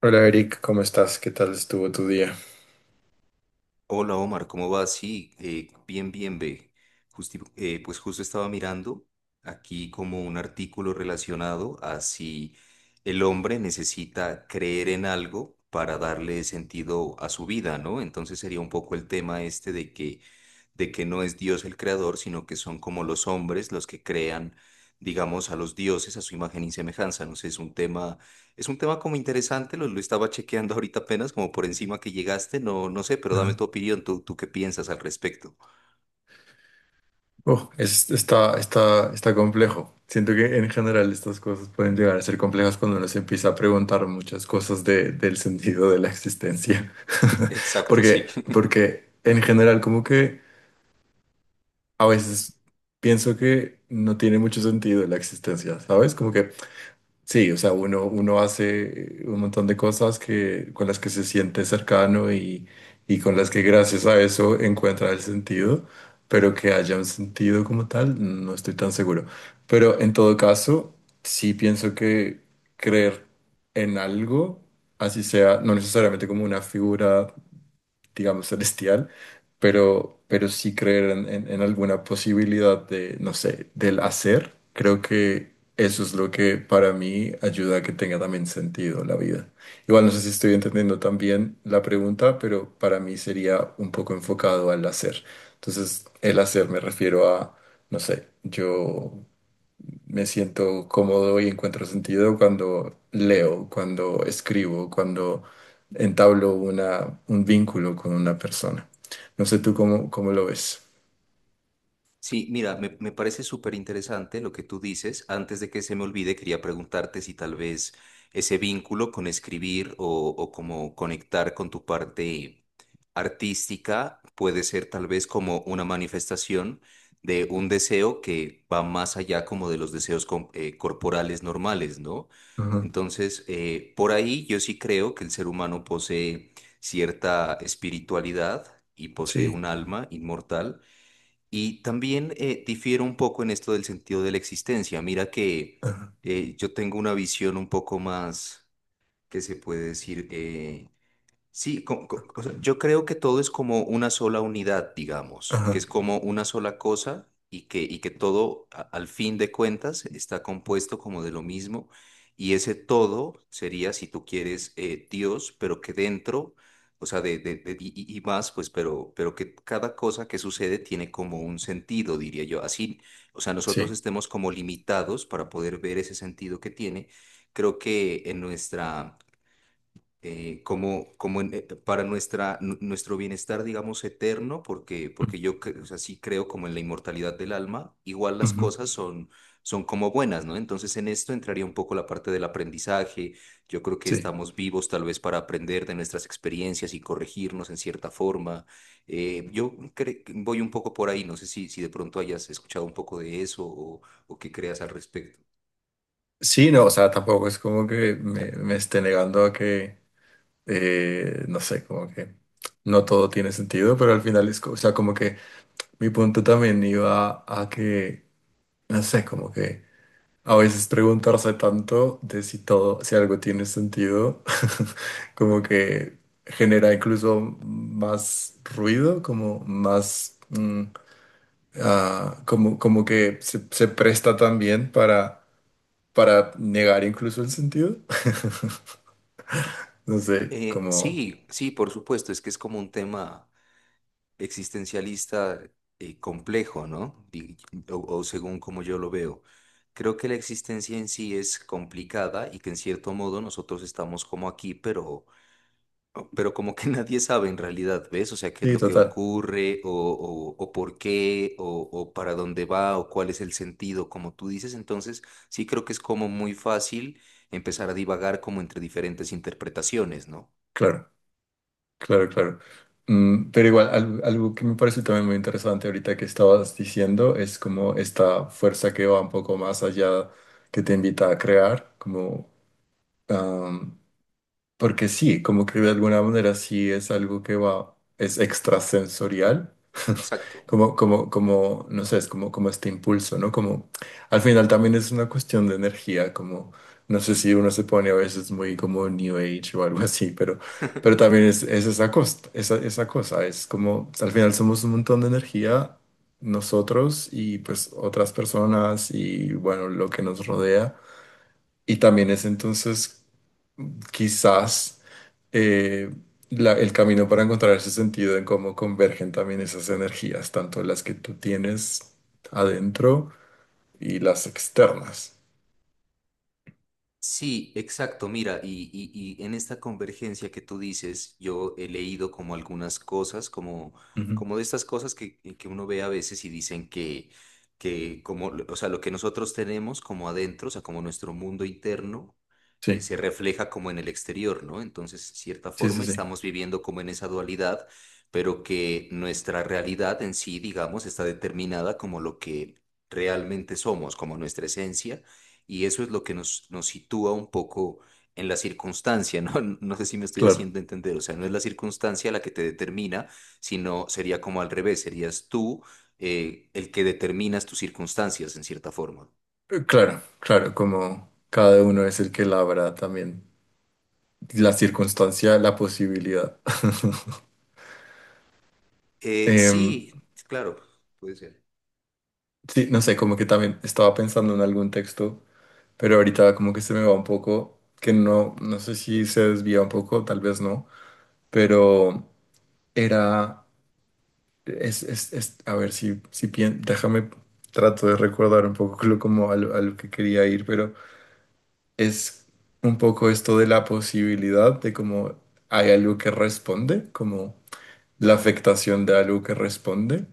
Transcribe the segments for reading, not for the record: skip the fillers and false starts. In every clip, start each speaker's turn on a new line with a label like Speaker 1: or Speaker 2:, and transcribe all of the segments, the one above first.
Speaker 1: Hola Eric, ¿cómo estás? ¿Qué tal estuvo tu día?
Speaker 2: Hola Omar, ¿cómo vas? Sí, bien, bien, ve. Pues justo estaba mirando aquí como un artículo relacionado a si el hombre necesita creer en algo para darle sentido a su vida, ¿no? Entonces sería un poco el tema este de que no es Dios el creador, sino que son como los hombres los que crean, digamos, a los dioses a su imagen y semejanza. No sé, es un tema como interesante, lo estaba chequeando ahorita apenas, como por encima que llegaste, no, no sé, pero dame
Speaker 1: Ajá.
Speaker 2: tu opinión, tú qué piensas al respecto.
Speaker 1: Oh, está, está complejo. Siento que en general estas cosas pueden llegar a ser complejas cuando uno se empieza a preguntar muchas cosas del sentido de la existencia.
Speaker 2: Exacto, sí.
Speaker 1: Porque en general como que a veces pienso que no tiene mucho sentido la existencia, ¿sabes? Como que sí, o sea, uno hace un montón de cosas que, con las que se siente cercano y con las que gracias a eso encuentra el sentido, pero que haya un sentido como tal, no estoy tan seguro. Pero en todo caso, sí pienso que creer en algo, así sea, no necesariamente como una figura digamos, celestial, pero sí creer en, en alguna posibilidad de, no sé, del hacer, creo que eso es lo que para mí ayuda a que tenga también sentido la vida. Igual no sé si estoy entendiendo también la pregunta, pero para mí sería un poco enfocado al hacer. Entonces, el hacer me refiero a, no sé, yo... Me siento cómodo y encuentro sentido cuando leo, cuando escribo, cuando entablo una, un vínculo con una persona. No sé tú cómo, cómo lo ves.
Speaker 2: Sí, mira, me parece súper interesante lo que tú dices. Antes de que se me olvide, quería preguntarte si tal vez ese vínculo con escribir o como conectar con tu parte artística puede ser tal vez como una manifestación de un deseo que va más allá como de los deseos corporales normales, ¿no?
Speaker 1: Ajá,
Speaker 2: Entonces, por ahí yo sí creo que el ser humano posee cierta espiritualidad y posee
Speaker 1: sí,
Speaker 2: un alma inmortal y también difiero un poco en esto del sentido de la existencia. Mira que
Speaker 1: ajá,
Speaker 2: yo tengo una visión un poco más, que se puede decir? O sea, yo creo que todo es como una sola unidad, digamos, que
Speaker 1: ajá,
Speaker 2: es como una sola cosa y que todo, al fin de cuentas, está compuesto como de lo mismo. Y ese todo sería, si tú quieres, Dios, pero que dentro, o sea, y más, pues, pero que cada cosa que sucede tiene como un sentido, diría yo. Así, o sea, nosotros
Speaker 1: sí,
Speaker 2: estemos como limitados para poder ver ese sentido que tiene. Creo que en nuestra para nuestro bienestar, digamos, eterno, porque o sea, sí creo como en la inmortalidad del alma, igual las
Speaker 1: ujú,
Speaker 2: cosas son, son como buenas, ¿no? Entonces en esto entraría un poco la parte del aprendizaje, yo creo que
Speaker 1: sí.
Speaker 2: estamos vivos tal vez para aprender de nuestras experiencias y corregirnos en cierta forma. Voy un poco por ahí, no sé si, si de pronto hayas escuchado un poco de eso o qué creas al respecto.
Speaker 1: Sí, no, o sea, tampoco es como que me esté negando a que, no sé, como que no todo tiene sentido, pero al final es, o sea, como que mi punto también iba a que, no sé, como que... A veces preguntarse tanto de si todo, si algo tiene sentido, como que genera incluso más ruido, como más, como, como que se presta también para negar incluso el sentido. No sé, como,
Speaker 2: Sí, sí, por supuesto, es que es como un tema existencialista complejo, ¿no? O según como yo lo veo. Creo que la existencia en sí es complicada y que en cierto modo nosotros estamos como aquí, pero como que nadie sabe en realidad, ¿ves? O sea, qué es
Speaker 1: sí,
Speaker 2: lo que
Speaker 1: total,
Speaker 2: ocurre o por qué o para dónde va o cuál es el sentido, como tú dices. Entonces, sí creo que es como muy fácil empezar a divagar como entre diferentes interpretaciones, ¿no?
Speaker 1: claro. Claro, claro. Mm, pero igual, algo que me parece también muy interesante ahorita que estabas diciendo es como esta fuerza que va un poco más allá, que te invita a crear, como, porque sí, como que de alguna manera sí es algo que va, es extrasensorial,
Speaker 2: Exacto.
Speaker 1: como, como, como, no sé, es como, como este impulso, ¿no? Como, al final también es una cuestión de energía, como, no sé si uno se pone a veces muy como New Age o algo así, pero también es esa costa, esa cosa, es como, al final somos un montón de energía, nosotros y pues otras personas y bueno, lo que nos rodea. Y también es entonces quizás eh, el camino para encontrar ese sentido en cómo convergen también esas energías, tanto las que tú tienes adentro y las externas.
Speaker 2: Sí, exacto. Mira, y en esta convergencia que tú dices, yo he leído como algunas cosas, como,
Speaker 1: Ujú.
Speaker 2: como de estas cosas que uno ve a veces y dicen que como, o sea, lo que nosotros tenemos como adentro, o sea, como nuestro mundo interno,
Speaker 1: Sí,
Speaker 2: se refleja como en el exterior, ¿no? Entonces, de cierta
Speaker 1: sí,
Speaker 2: forma,
Speaker 1: sí, sí,
Speaker 2: estamos viviendo como en esa dualidad, pero que nuestra realidad en sí, digamos, está determinada como lo que realmente somos, como nuestra esencia y eso es lo que nos sitúa un poco en la circunstancia, ¿no? No sé si me estoy
Speaker 1: claro.
Speaker 2: haciendo entender, o sea, no es la circunstancia la que te determina, sino sería como al revés, serías tú el que determinas tus circunstancias en cierta forma.
Speaker 1: Claro, claro, como cada uno es el que labra también la circunstancia, la posibilidad. Em,
Speaker 2: Sí, claro, puede ser.
Speaker 1: sí, no sé, como que también estaba pensando en algún texto, pero ahorita como que se me va un poco, que no, no sé si se desvía un poco, tal vez no, pero... Era, es, a ver si, déjame, trato de recordar un poco lo, como a lo que quería ir, pero es un poco esto de la posibilidad de como hay algo que responde, como la afectación de algo que responde.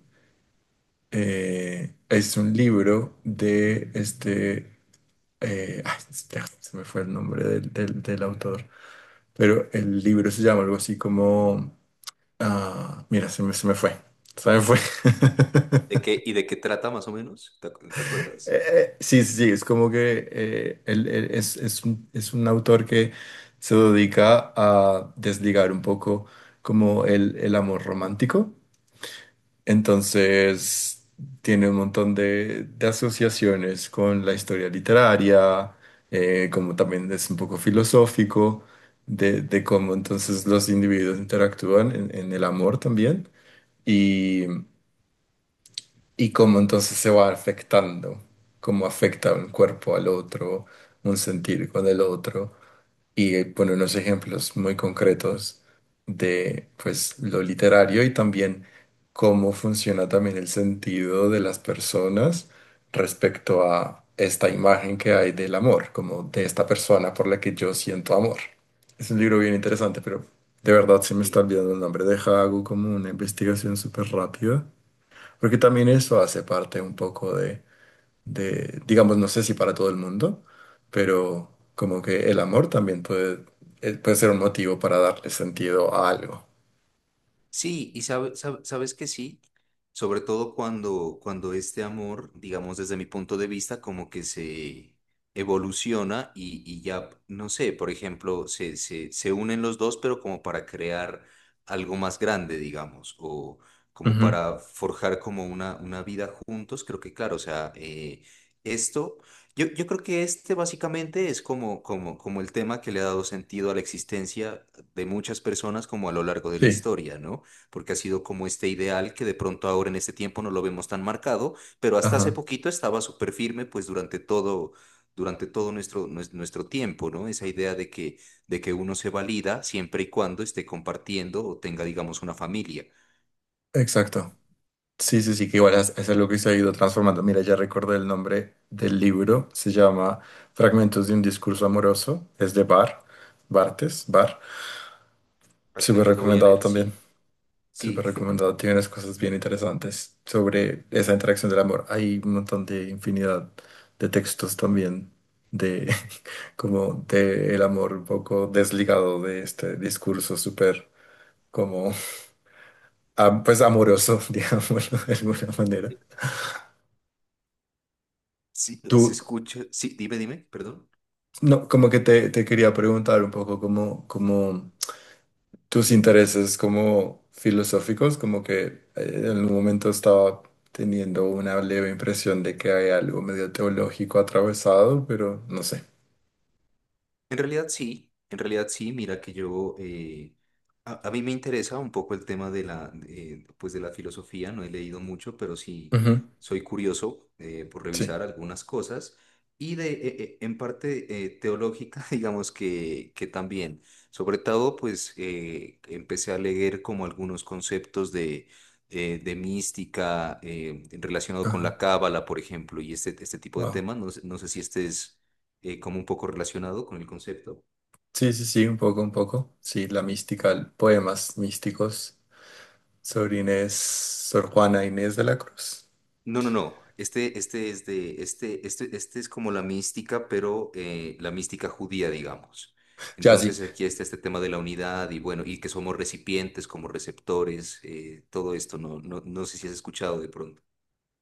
Speaker 1: Es un libro de este, ay, se me fue el nombre del, del autor, pero el libro se llama algo así como, ah, mira, se me fue, se me fue.
Speaker 2: ¿De qué, y de qué trata más o menos? ¿Recuerdas?
Speaker 1: Sí, sí, sí, es como que él es un autor que se dedica a desligar un poco como el amor romántico. Entonces, tiene un montón de asociaciones con la historia literaria, como también es un poco filosófico de cómo entonces los individuos interactúan en el amor también y cómo entonces se va afectando, cómo afecta un cuerpo al otro, un sentir con el otro, y pone unos ejemplos muy concretos de pues lo literario y también cómo funciona también el sentido de las personas respecto a esta imagen que hay del amor, como de esta persona por la que yo siento amor. Es un libro bien interesante, pero de verdad se me está
Speaker 2: Sí.
Speaker 1: olvidando el nombre. Deja, hago como una investigación súper rápida porque también eso hace parte un poco de, digamos, no sé si para todo el mundo, pero como que el amor también puede, puede ser un motivo para darle sentido a algo.
Speaker 2: Sí, y sabes que sí, sobre todo cuando, cuando este amor, digamos desde mi punto de vista, como que se evoluciona y ya, no sé, por ejemplo, se unen los dos, pero como para crear algo más grande, digamos, o como
Speaker 1: Ujú.
Speaker 2: para forjar como una vida juntos, creo que claro, o sea, esto, yo creo que este básicamente es como, como, como el tema que le ha dado sentido a la existencia de muchas personas como a lo largo de la
Speaker 1: Sí,
Speaker 2: historia, ¿no? Porque ha sido como este ideal que de pronto ahora en este tiempo no lo vemos tan marcado, pero hasta hace
Speaker 1: ajá,
Speaker 2: poquito estaba súper firme pues durante todo nuestro tiempo, ¿no? Esa idea de que uno se valida siempre y cuando esté compartiendo o tenga, digamos, una familia.
Speaker 1: exacto. Sí, sí, sí, que igual es algo que se ha ido transformando. Mira, ya recordé el nombre del libro, se llama Fragmentos de un discurso amoroso, es de Bar, Bartes, Bar, súper
Speaker 2: Fragmentos lo voy a
Speaker 1: recomendado
Speaker 2: leer,
Speaker 1: también.
Speaker 2: sí, sí,
Speaker 1: Súper recomendado, tiene unas cosas bien interesantes sobre esa interacción del amor. Hay un montón de infinidad de textos también de como de el amor un poco desligado de este discurso súper como pues amoroso, digámoslo de alguna manera.
Speaker 2: sí, se
Speaker 1: Tú,
Speaker 2: escucha, sí, dime, dime, perdón.
Speaker 1: no, como que te quería preguntar un poco como, como tus intereses como filosóficos, como que en algún momento estaba teniendo una leve impresión de que hay algo medio teológico atravesado, pero no sé.
Speaker 2: En realidad sí, mira que yo, a mí me interesa un poco el tema de la, pues de la filosofía, no he leído mucho, pero sí
Speaker 1: Ujú,
Speaker 2: soy curioso por
Speaker 1: sí,
Speaker 2: revisar algunas cosas y de, en parte teológica, digamos que también. Sobre todo, pues empecé a leer como algunos conceptos de mística relacionado con
Speaker 1: ajá,
Speaker 2: la cábala, por ejemplo, y este tipo de
Speaker 1: wow.
Speaker 2: temas, no sé si este es como un poco relacionado con el concepto.
Speaker 1: Sí, sí, sí, un poco, un poco. Sí, la mística, poemas místicos sobre Inés, Sor Juana Inés de la Cruz.
Speaker 2: No, no, no. Este es de, este es como la mística, pero la mística judía, digamos.
Speaker 1: Ya, sí,
Speaker 2: Entonces aquí está este tema de la unidad y bueno, y que somos recipientes como receptores, todo esto, no, no, no sé si has escuchado de pronto.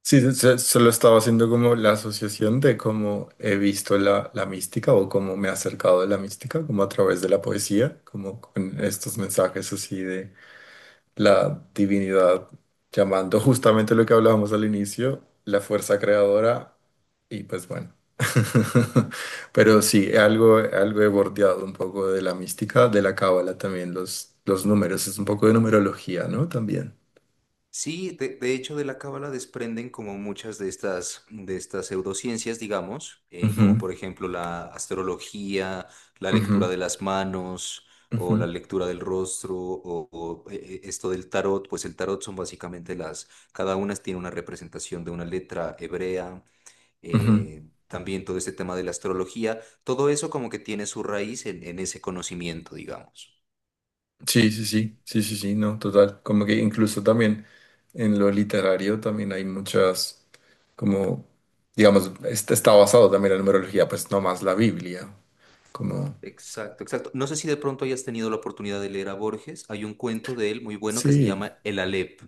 Speaker 1: sí, solo estaba haciendo como la asociación de cómo he visto la, la mística o cómo me he acercado a la mística, como a través de la poesía, como con estos mensajes así de la divinidad llamando justamente lo que hablábamos al inicio, la fuerza creadora y pues bueno. Pero sí, algo, algo he bordeado un poco de la mística, de la cábala también, los números, es un poco de numerología, ¿no? También.
Speaker 2: Sí, de hecho de la cábala desprenden como muchas de estas pseudociencias, digamos, como
Speaker 1: Ujú,
Speaker 2: por ejemplo la astrología, la lectura
Speaker 1: ujú,
Speaker 2: de las manos o la
Speaker 1: ujú,
Speaker 2: lectura del rostro o, esto del tarot, pues el tarot son básicamente las, cada una tiene una representación de una letra hebrea,
Speaker 1: ujú.
Speaker 2: también todo este tema de la astrología, todo eso como que tiene su raíz en ese conocimiento, digamos.
Speaker 1: Sí, sí, sí, sí, sí, sí, no, total. Como que incluso también en lo literario también hay muchas, como, digamos, este está basado también en la numerología, pues no más la Biblia. Como,
Speaker 2: Exacto, exacto. No sé si de pronto hayas tenido la oportunidad de leer a Borges. Hay un cuento de él muy bueno que se
Speaker 1: sí,
Speaker 2: llama El Aleph.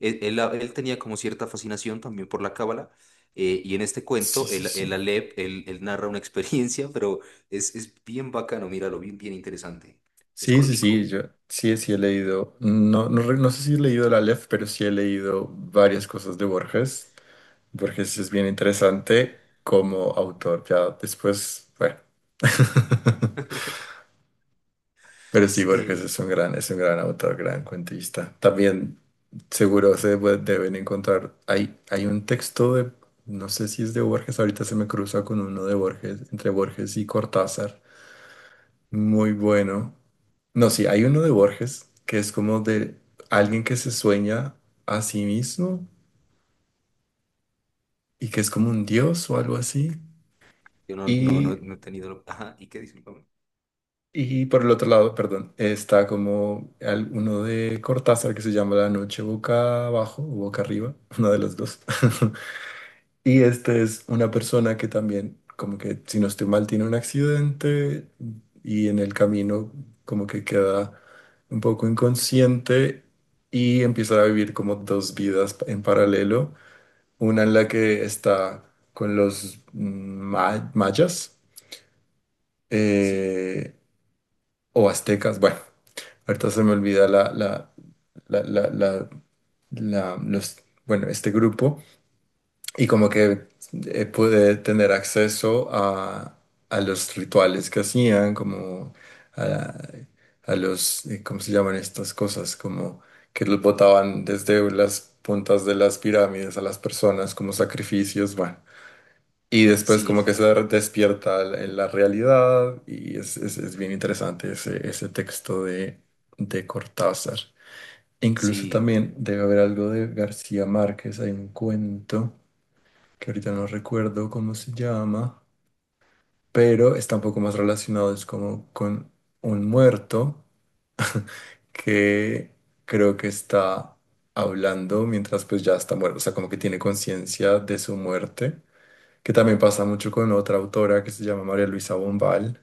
Speaker 2: Él, él tenía como cierta fascinación también por la cábala. Y en este
Speaker 1: sí,
Speaker 2: cuento,
Speaker 1: sí,
Speaker 2: el
Speaker 1: sí.
Speaker 2: Aleph, él narra una experiencia, pero es bien bacano, míralo, bien, bien interesante. Es
Speaker 1: Sí, sí, sí,
Speaker 2: cortico.
Speaker 1: yo sí, sí he leído, no, no, no sé si he leído el Aleph, pero sí he leído varias cosas de Borges. Borges es bien interesante como autor, ya después, bueno. Pero sí, Borges
Speaker 2: Eh,
Speaker 1: es un gran autor, gran cuentista. También seguro deben encontrar. Hay un texto de, no sé si es de Borges, ahorita se me cruza con uno de Borges, entre Borges y Cortázar. Muy bueno. No, sí, hay uno de Borges que es como de alguien que se sueña a sí mismo y que es como un dios o algo así.
Speaker 2: yo no, no, no,
Speaker 1: Y
Speaker 2: no he tenido... Ajá, ¿y qué dice?
Speaker 1: y por el otro lado, perdón, está como uno de Cortázar que se llama La noche boca abajo o boca arriba, una de las dos. Y este es una persona que también, como que si no estoy mal, tiene un accidente y en el camino como que queda un poco inconsciente y empieza a vivir como dos vidas en paralelo, una en la que está con los mm, mayas.
Speaker 2: Sí,
Speaker 1: Eh, o aztecas, bueno, ahorita se me olvida la, la, la, la, los, bueno, este grupo, y como que pude tener acceso a los rituales que hacían, como a, a los, ¿cómo se llaman estas cosas? Como que los botaban desde las puntas de las pirámides a las personas como sacrificios, bueno. Y después
Speaker 2: sí,
Speaker 1: como que se despierta la la realidad y es, es bien interesante ese, ese texto de Cortázar. Incluso
Speaker 2: sí.
Speaker 1: también debe haber algo de García Márquez, hay un cuento que ahorita no recuerdo cómo se llama, pero está un poco más relacionado, es como con un muerto que creo que está hablando mientras pues ya está muerto, o sea, como que tiene conciencia de su muerte que también pasa mucho con otra autora que se llama María Luisa Bombal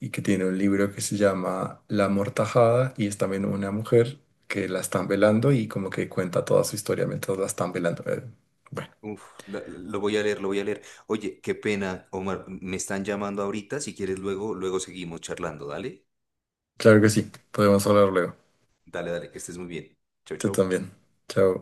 Speaker 1: y que tiene un libro que se llama La Mortajada y es también una mujer que la están velando y como que cuenta toda su historia mientras la están velando. Bueno,
Speaker 2: Uf, lo voy a leer, lo voy a leer. Oye, qué pena, Omar, me están llamando ahorita. Si quieres, luego, luego seguimos charlando. Dale,
Speaker 1: claro que sí, podemos hablar luego.
Speaker 2: dale, dale, que estés muy bien. Chau,
Speaker 1: Tú
Speaker 2: chau.
Speaker 1: también. Chao.